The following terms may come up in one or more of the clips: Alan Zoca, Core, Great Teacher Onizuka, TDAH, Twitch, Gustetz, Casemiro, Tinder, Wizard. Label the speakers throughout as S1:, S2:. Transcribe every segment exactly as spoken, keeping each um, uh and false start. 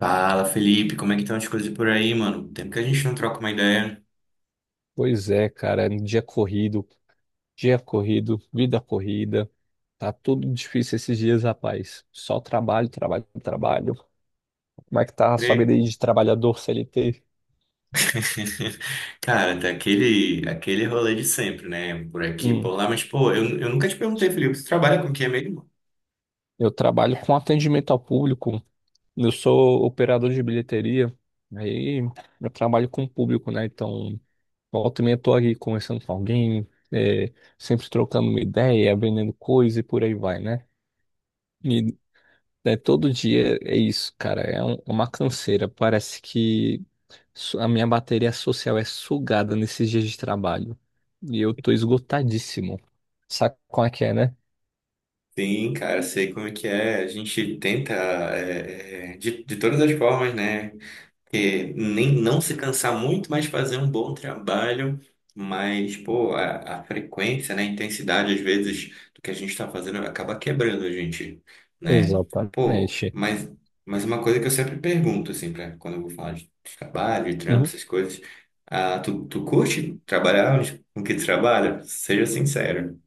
S1: Fala, Felipe, como é que estão as coisas por aí, mano? Tempo que a gente não troca uma ideia, né?
S2: Pois é, cara, dia corrido, dia corrido, vida corrida. Tá tudo difícil esses dias, rapaz. Só trabalho, trabalho, trabalho. Como é que tá a sua vida
S1: Crê.
S2: aí de trabalhador C L T?
S1: Cara, tá aquele, aquele rolê de sempre, né? Por aqui, por
S2: Hum,
S1: lá, mas, pô, eu, eu nunca te perguntei, Felipe, você trabalha com o que é mesmo?
S2: eu trabalho com atendimento ao público. Eu sou operador de bilheteria. Aí eu trabalho com o público, né? Então, volta e meia eu tô aqui conversando com alguém, é, sempre trocando uma ideia, vendendo coisa e por aí vai, né? E né, todo dia é isso, cara. É um- uma canseira. Parece que su- a minha bateria social é sugada nesses dias de trabalho. E eu tô esgotadíssimo. Sabe qual é que é, né?
S1: Sim, cara, sei como é que é. A gente tenta, é, é, de, de todas as formas, né? Que nem não se cansar muito, mas fazer um bom trabalho, mas pô, a, a frequência, né, a intensidade às vezes do que a gente está fazendo acaba quebrando a gente, né? Pô,
S2: Exatamente.
S1: mas mas uma coisa que eu sempre pergunto assim para quando eu vou falar de trabalho, de trampo,
S2: Uhum.
S1: essas coisas, ah, tu, tu curte trabalhar com que tu trabalha? Seja sincero.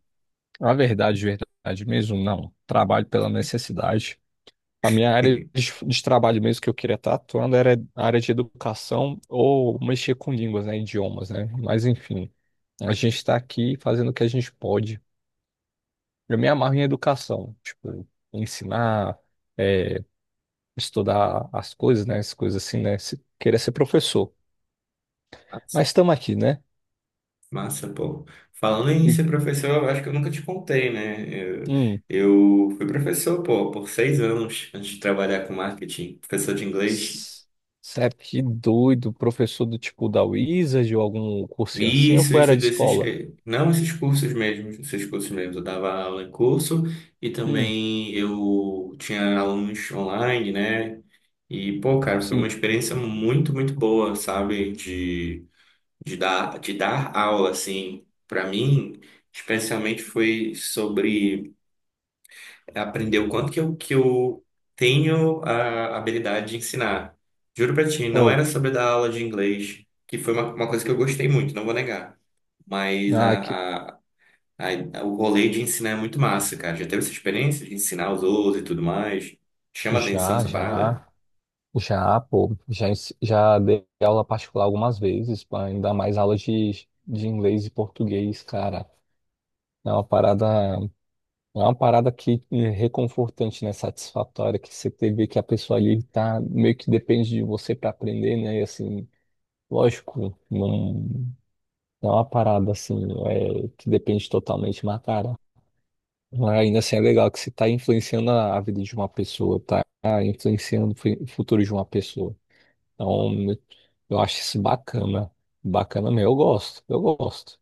S2: A verdade, verdade mesmo, não. Trabalho pela necessidade. A minha área de, de trabalho mesmo que eu queria estar atuando era a área de educação ou mexer com línguas, né, idiomas, né? Mas enfim, a gente está aqui fazendo o que a gente pode. Eu me amarro em educação, tipo, ensinar, é, estudar as coisas, né? As coisas assim, né? Se, querer ser professor. Mas estamos aqui, né?
S1: Massa, pô. Falando em
S2: E,
S1: ser professor, eu acho que eu nunca te contei, né? Eu,
S2: hum,
S1: eu fui professor, pô, por seis anos antes de trabalhar com marketing, professor de inglês.
S2: s- Sério, que doido, professor do tipo da Wizard ou algum cursinho assim, ou
S1: Isso,
S2: foi era
S1: isso
S2: de
S1: desses,
S2: escola?
S1: eh, não esses cursos mesmo, esses cursos mesmo. Eu dava aula em curso e
S2: Hum,
S1: também eu tinha alunos online, né? E, pô, cara, foi uma
S2: sim.
S1: experiência muito, muito boa, sabe? De, de dar, de dar aula, assim, pra mim, especialmente foi sobre aprender o quanto que eu, que eu tenho a habilidade de ensinar. Juro pra ti, não
S2: Ou,
S1: era sobre dar aula de inglês, que foi uma, uma coisa que eu gostei muito, não vou negar. Mas
S2: ah, que,
S1: a, a, a- o rolê de ensinar é muito massa, cara. Já teve essa experiência de ensinar os outros e tudo mais? Chama atenção
S2: já,
S1: essa parada?
S2: já, já, pô, já, ens- já dei aula particular algumas vezes, pá, ainda mais aulas de, de inglês e português, cara. É uma parada. É uma parada que é reconfortante, né? Satisfatória, que você te- vê que a pessoa ali tá meio que depende de você para aprender, né? E assim, lógico, não, não é uma parada assim, é, que depende totalmente, mas cara, ainda assim é legal que você tá influenciando a, a vida de uma pessoa, tá influenciando o fu- o futuro de uma pessoa. Então, eu acho isso bacana. Bacana mesmo, eu gosto, eu gosto.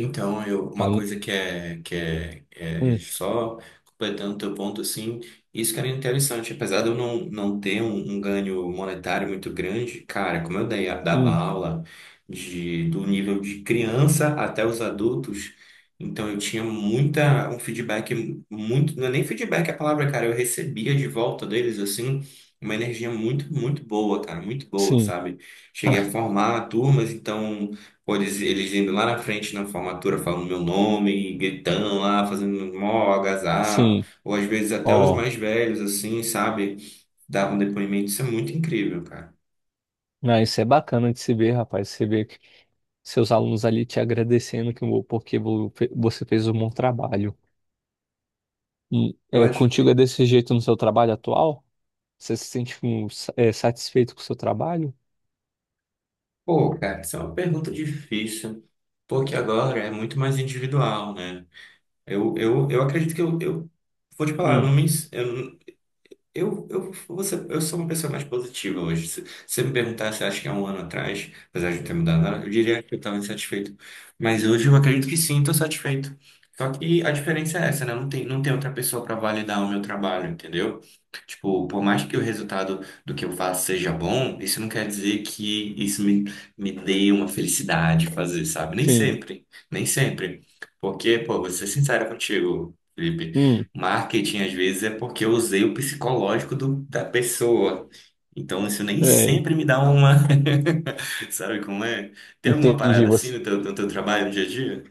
S1: Então, eu,
S2: Ah,
S1: uma coisa que é, que é, é
S2: hum,
S1: só completando o teu ponto, assim, isso que era interessante, apesar de eu não, não ter um, um ganho monetário muito grande, cara, como eu dei, dava
S2: hum,
S1: aula de, do nível de criança até os adultos, então eu tinha muita, um feedback muito, não é nem feedback é a palavra, cara, eu recebia de volta deles, assim, uma energia muito, muito boa, cara, muito boa,
S2: sim,
S1: sabe? Cheguei a
S2: ah,
S1: formar turmas, então. Pô, eles, eles indo lá na frente na formatura falando meu nome, gritando lá, fazendo mó agasalho.
S2: sim,
S1: Ou às vezes até os
S2: ó.
S1: mais velhos, assim, sabe? Davam depoimento. Isso é muito incrível, cara.
S2: Ah, isso é bacana de se ver, rapaz. Você vê que seus alunos ali te agradecendo que, vo- porque vo- fe- você fez um bom trabalho. E,
S1: Eu
S2: é,
S1: acho.
S2: contigo é desse jeito no seu trabalho atual? Você se sente hum, sa- é, satisfeito com o seu trabalho?
S1: Pô, cara, isso é uma pergunta difícil, porque agora é muito mais individual, né? Eu, eu, eu acredito que eu, eu vou te falar, eu não
S2: Hum,
S1: me, ens- eu, Eu, eu, você, eu sou uma pessoa mais positiva hoje. Se você me perguntasse, acho que há um ano atrás, apesar de não ter mudado nada, eu diria que eu estava insatisfeito. Mas hoje eu acredito que sim, estou satisfeito. Só que a diferença é essa, né? Não tem, não tem outra pessoa para validar o meu trabalho, entendeu? Tipo, por mais que o resultado do que eu faço seja bom, isso não quer dizer que isso me, me dê uma felicidade fazer, sabe? Nem
S2: sim.
S1: sempre, nem sempre. Porque, pô, vou ser sincero contigo, Felipe.
S2: Hum,
S1: Marketing, às vezes, é porque eu usei o psicológico do- da pessoa. Então, isso nem
S2: é,
S1: sempre me dá uma. Sabe como é? Tem alguma
S2: Entendi.
S1: parada assim
S2: Você...
S1: no teu, no teu trabalho, no dia a dia?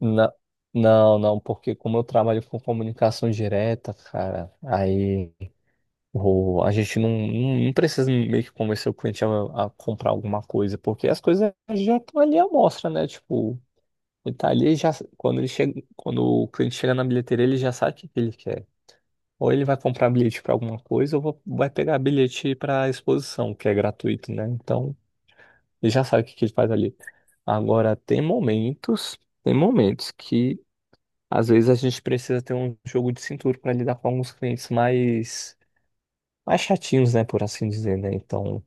S2: na- Não, não, porque como eu trabalho com comunicação direta, cara, aí. O, a gente não, não não precisa meio que convencer o cliente a, a comprar alguma coisa, porque as coisas já estão ali à mostra, né? Tipo, ele tá ali já, quando ele chega, quando o cliente chega na bilheteria, ele já sabe o que que ele quer. Ou ele vai comprar bilhete para alguma coisa, ou va- vai pegar bilhete para exposição, que é gratuito, né? Então, ele já sabe o que que ele faz ali. Agora, tem momentos, tem momentos que às vezes a gente precisa ter um jogo de cintura para lidar com alguns clientes mais mais chatinhos, né, por assim dizer, né? Então,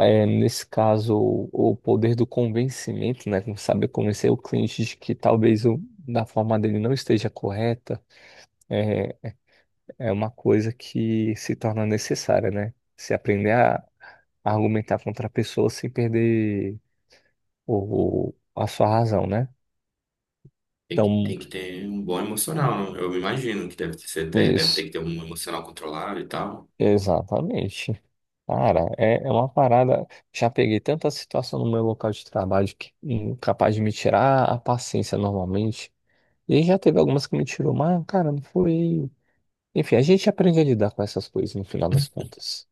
S2: É, nesse caso, o o poder do convencimento, né? Como sabe, convencer o cliente de que talvez o, da forma dele não esteja correta, é, é uma coisa que se torna necessária, né? Se aprender a argumentar contra a pessoa sem perder o, o- a sua razão, né?
S1: Tem que,
S2: Então,
S1: tem que ter um bom emocional, né? Eu imagino que deve ter você ter- deve ter
S2: isso,
S1: que ter um emocional controlado e tal.
S2: exatamente. Cara, é, é uma parada. Já peguei tanta situação no meu local de trabalho que hum, capaz de me tirar a paciência normalmente. E aí já teve algumas que me tirou, mas, cara, não foi. Enfim, a gente aprende a lidar com essas coisas no final das contas.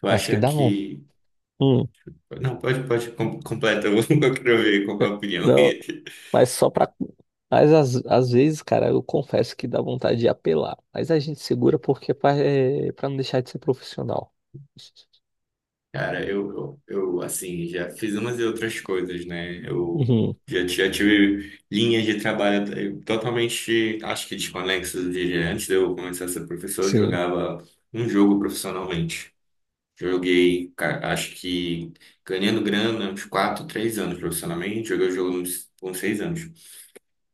S1: Tu
S2: Mas que
S1: acha
S2: davam.
S1: que.
S2: Hum,
S1: Não, pode, pode, com- completa, eu quero ver qual é
S2: é,
S1: a opinião.
S2: não, mas só pra. Mas às, às vezes, cara, eu confesso que dá vontade de apelar. Mas a gente segura porque é pra, é pra não deixar de ser profissional.
S1: Cara, eu, eu, eu, assim, já fiz umas e outras coisas, né? Eu
S2: Uhum,
S1: já, já tive linhas de trabalho eh, totalmente, acho que desconexas de antes de eu começar a ser professor, eu
S2: sim.
S1: jogava um jogo profissionalmente. Joguei, ca- acho que ganhando grana, uns quatro três anos profissionalmente, joguei o jogo uns, uns seis anos.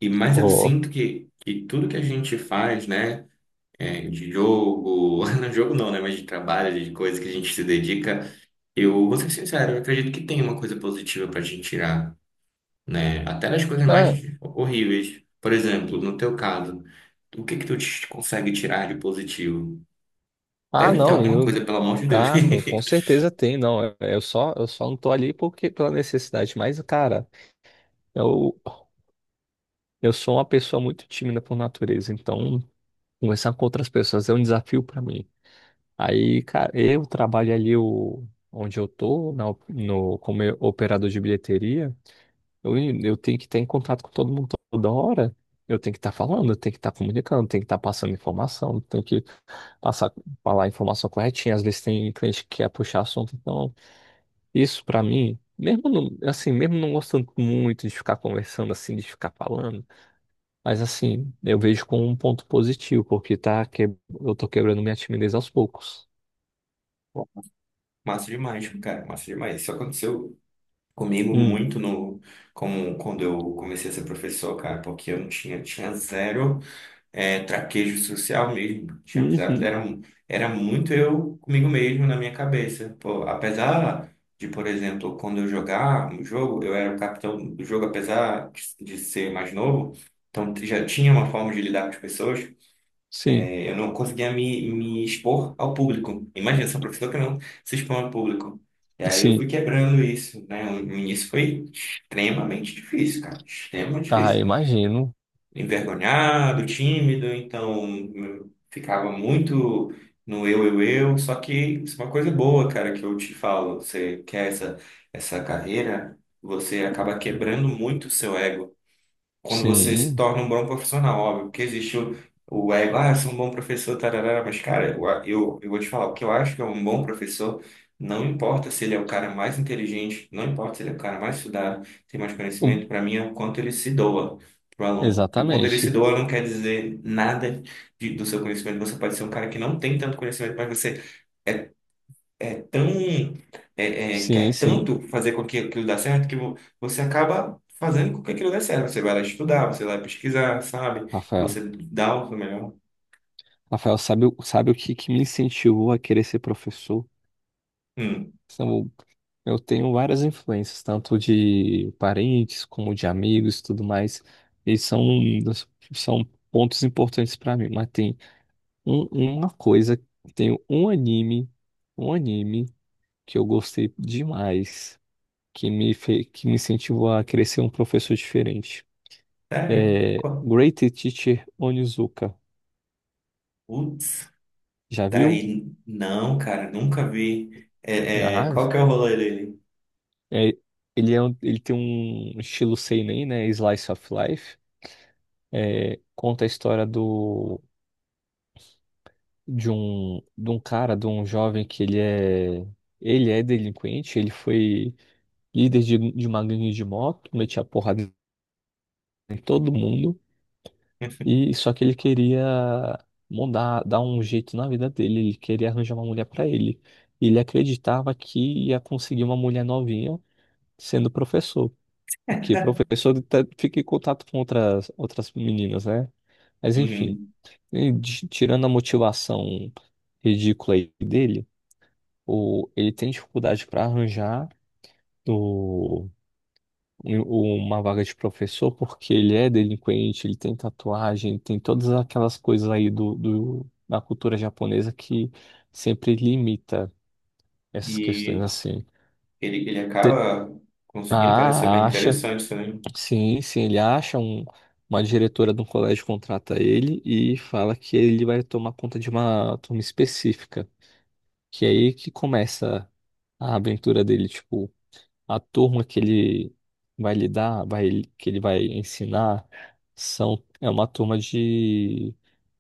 S1: E mais eu
S2: Oh.
S1: sinto que, que tudo que a gente faz, né? É, de jogo, não jogo não, né? Mas de trabalho, de coisas que a gente se dedica, eu vou ser sincero, eu acredito que tem uma coisa positiva para a gente tirar, né? Até das coisas mais
S2: É.
S1: horríveis. Por exemplo, no teu caso, o que que tu te- consegue tirar de positivo?
S2: Ah,
S1: Deve ter
S2: não,
S1: alguma coisa,
S2: eu.
S1: pelo amor de Deus.
S2: Ah, com, com certeza tem, não. Eu só, eu só não tô ali porque pela necessidade. Mas, cara, eu, Eu sou uma pessoa muito tímida por natureza, então conversar com outras pessoas é um desafio para mim. Aí, cara, eu trabalho ali o, onde eu tô, na op- no, como eu- operador de bilheteria, eu, eu tenho que estar em contato com todo mundo toda hora. Eu tenho que estar falando, eu tenho que estar comunicando, eu tenho que estar passando informação, eu tenho que passar, falar a informação corretinha. Às vezes tem cliente que quer puxar assunto, então isso para mim, mesmo não- assim, mesmo não gostando muito de ficar conversando assim, de ficar falando. Mas assim, eu vejo como um ponto positivo, porque tá que... eu tô quebrando minha timidez aos poucos.
S1: Massa demais, cara, massa demais. Isso aconteceu comigo
S2: Hum.
S1: muito no, como quando eu comecei a ser professor, cara, porque eu não tinha, tinha zero. É, traquejo social mesmo. Tinha amizade,
S2: Uhum.
S1: era, mu- era muito eu comigo mesmo na minha cabeça. Pô, apesar de, por exemplo, quando eu jogar um jogo, eu era o capitão do jogo, apesar de de ser mais novo, então já tinha uma forma de lidar com as pessoas.
S2: Sim,
S1: É, eu não conseguia me, me expor ao público. Imagina, sou um professor que não se expõe ao público. E aí eu fui
S2: sim.
S1: quebrando isso, né? No início foi extremamente difícil, cara. Extremamente
S2: Ah,
S1: difícil,
S2: imagino.
S1: envergonhado, tímido, então hum, ficava muito no eu, eu, eu. Só que isso é uma coisa boa, cara, que eu te falo. Você quer essa, essa carreira, você acaba quebrando muito o seu ego quando você se
S2: Sim.
S1: torna um bom profissional, óbvio, porque existe o, o ego, ah, eu sou um bom professor, tarará, mas cara, eu, eu, eu vou te falar, o que eu acho que é um bom professor, não importa se ele é o cara mais inteligente, não importa se ele é o cara mais estudado, tem mais conhecimento,
S2: Hum,
S1: para mim é o quanto ele se doa pro aluno. E o quanto ele se
S2: Exatamente.
S1: doa não quer dizer nada de- do seu conhecimento. Você pode ser um cara que não tem tanto conhecimento, mas você é é tão é, é,
S2: Sim,
S1: quer
S2: sim,
S1: tanto fazer com que aquilo dê certo que vo- você acaba fazendo com que aquilo dê certo. Você vai lá estudar, você vai pesquisar, sabe? Você
S2: Rafael.
S1: dá o seu melhor.
S2: Rafael, sabe, o- sabe o que, que me incentivou a querer ser professor?
S1: Hum,
S2: São- Eu tenho várias influências, tanto de parentes como de amigos e tudo mais. E são, são pontos importantes para mim, mas tem Um- uma coisa, tem um anime, um anime que eu gostei demais, que me fe, que me incentivou a crescer um professor diferente.
S1: Sério?
S2: É
S1: Qual-
S2: Great Teacher Onizuka.
S1: Putz,
S2: Já
S1: tá
S2: viu?
S1: aí. Não, cara, nunca vi.
S2: Já.
S1: É, é, qual que é o rolê dele?
S2: É, ele, é um- ele tem um estilo seinen, né? Slice of Life. É, conta a história do, de um, de um cara, de um jovem que ele é, ele é delinquente. Ele foi líder de, de uma gangue de moto, metia porrada em todo mundo e só que ele queria mudar, dar um jeito na vida dele, ele queria arranjar uma mulher para ele. Ele acreditava que ia conseguir uma mulher novinha sendo professor, porque professor tá- fica em contato com outras outras meninas, né? Mas enfim,
S1: Uhum.
S2: e de- tirando a motivação ridícula aí dele, o, ele tem dificuldade para arranjar uma vaga de professor porque ele é delinquente, ele tem tatuagem, tem todas aquelas coisas aí do, do, da cultura japonesa que sempre limita essas questões
S1: E
S2: assim.
S1: ele, ele
S2: Te-
S1: acaba conseguindo, parece ser bem
S2: Ah, acha,
S1: interessante também.
S2: sim, sim, ele acha um, uma diretora de um colégio contrata ele e fala que ele vai tomar conta de uma turma específica, que é aí que começa a aventura dele, tipo a turma que ele vai lidar, vai, que ele vai ensinar, são, é uma turma de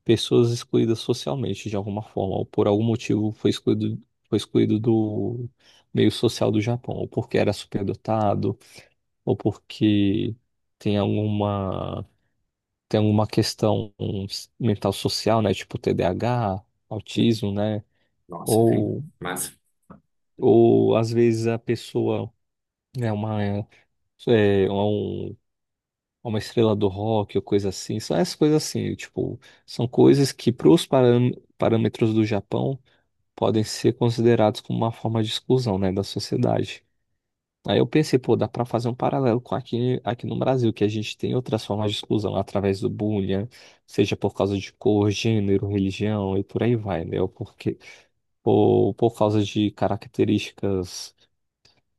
S2: pessoas excluídas socialmente, de alguma forma, ou por algum motivo foi excluído, foi excluído do meio social do Japão, ou porque era superdotado, ou porque tem alguma, tem alguma questão mental social, né? Tipo T D A H, autismo, né?
S1: Nossa, enfim,
S2: Ou,
S1: massa.
S2: ou às vezes a pessoa é uma é, é um uma estrela do rock ou coisa assim. São essas coisas assim, tipo, são coisas que para os parâmetros do Japão podem ser considerados como uma forma de exclusão, né, da sociedade. Aí eu pensei, pô, dá para fazer um paralelo com aqui, aqui no Brasil, que a gente tem outras formas de exclusão através do bullying, né, seja por causa de cor, gênero, religião e por aí vai, né? Ou porque, ou por causa de características,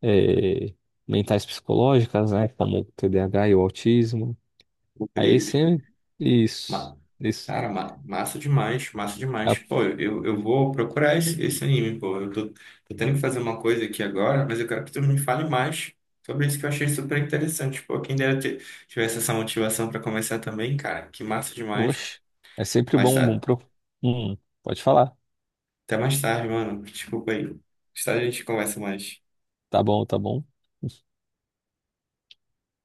S2: eh, mentais psicológicas, né, como T D A H e o autismo.
S1: O
S2: Aí
S1: Felipe.
S2: sempre. Isso,
S1: Ma-
S2: isso.
S1: Cara, ma- massa demais, massa demais.
S2: Ah,
S1: Pô, eu, eu vou procurar esse, esse anime, pô. Eu tô, tô tendo que fazer uma coisa aqui agora, mas eu quero que tu me fale mais sobre isso que eu achei super interessante. Pô, quem dera ter, tivesse essa motivação pra começar também, cara. Que massa demais.
S2: poxa, é sempre
S1: Mas
S2: bom, bom
S1: tá,
S2: pro. Hum, Pode falar.
S1: até mais tarde, mano. Desculpa aí. Mais tarde a gente conversa mais.
S2: Tá bom, tá bom.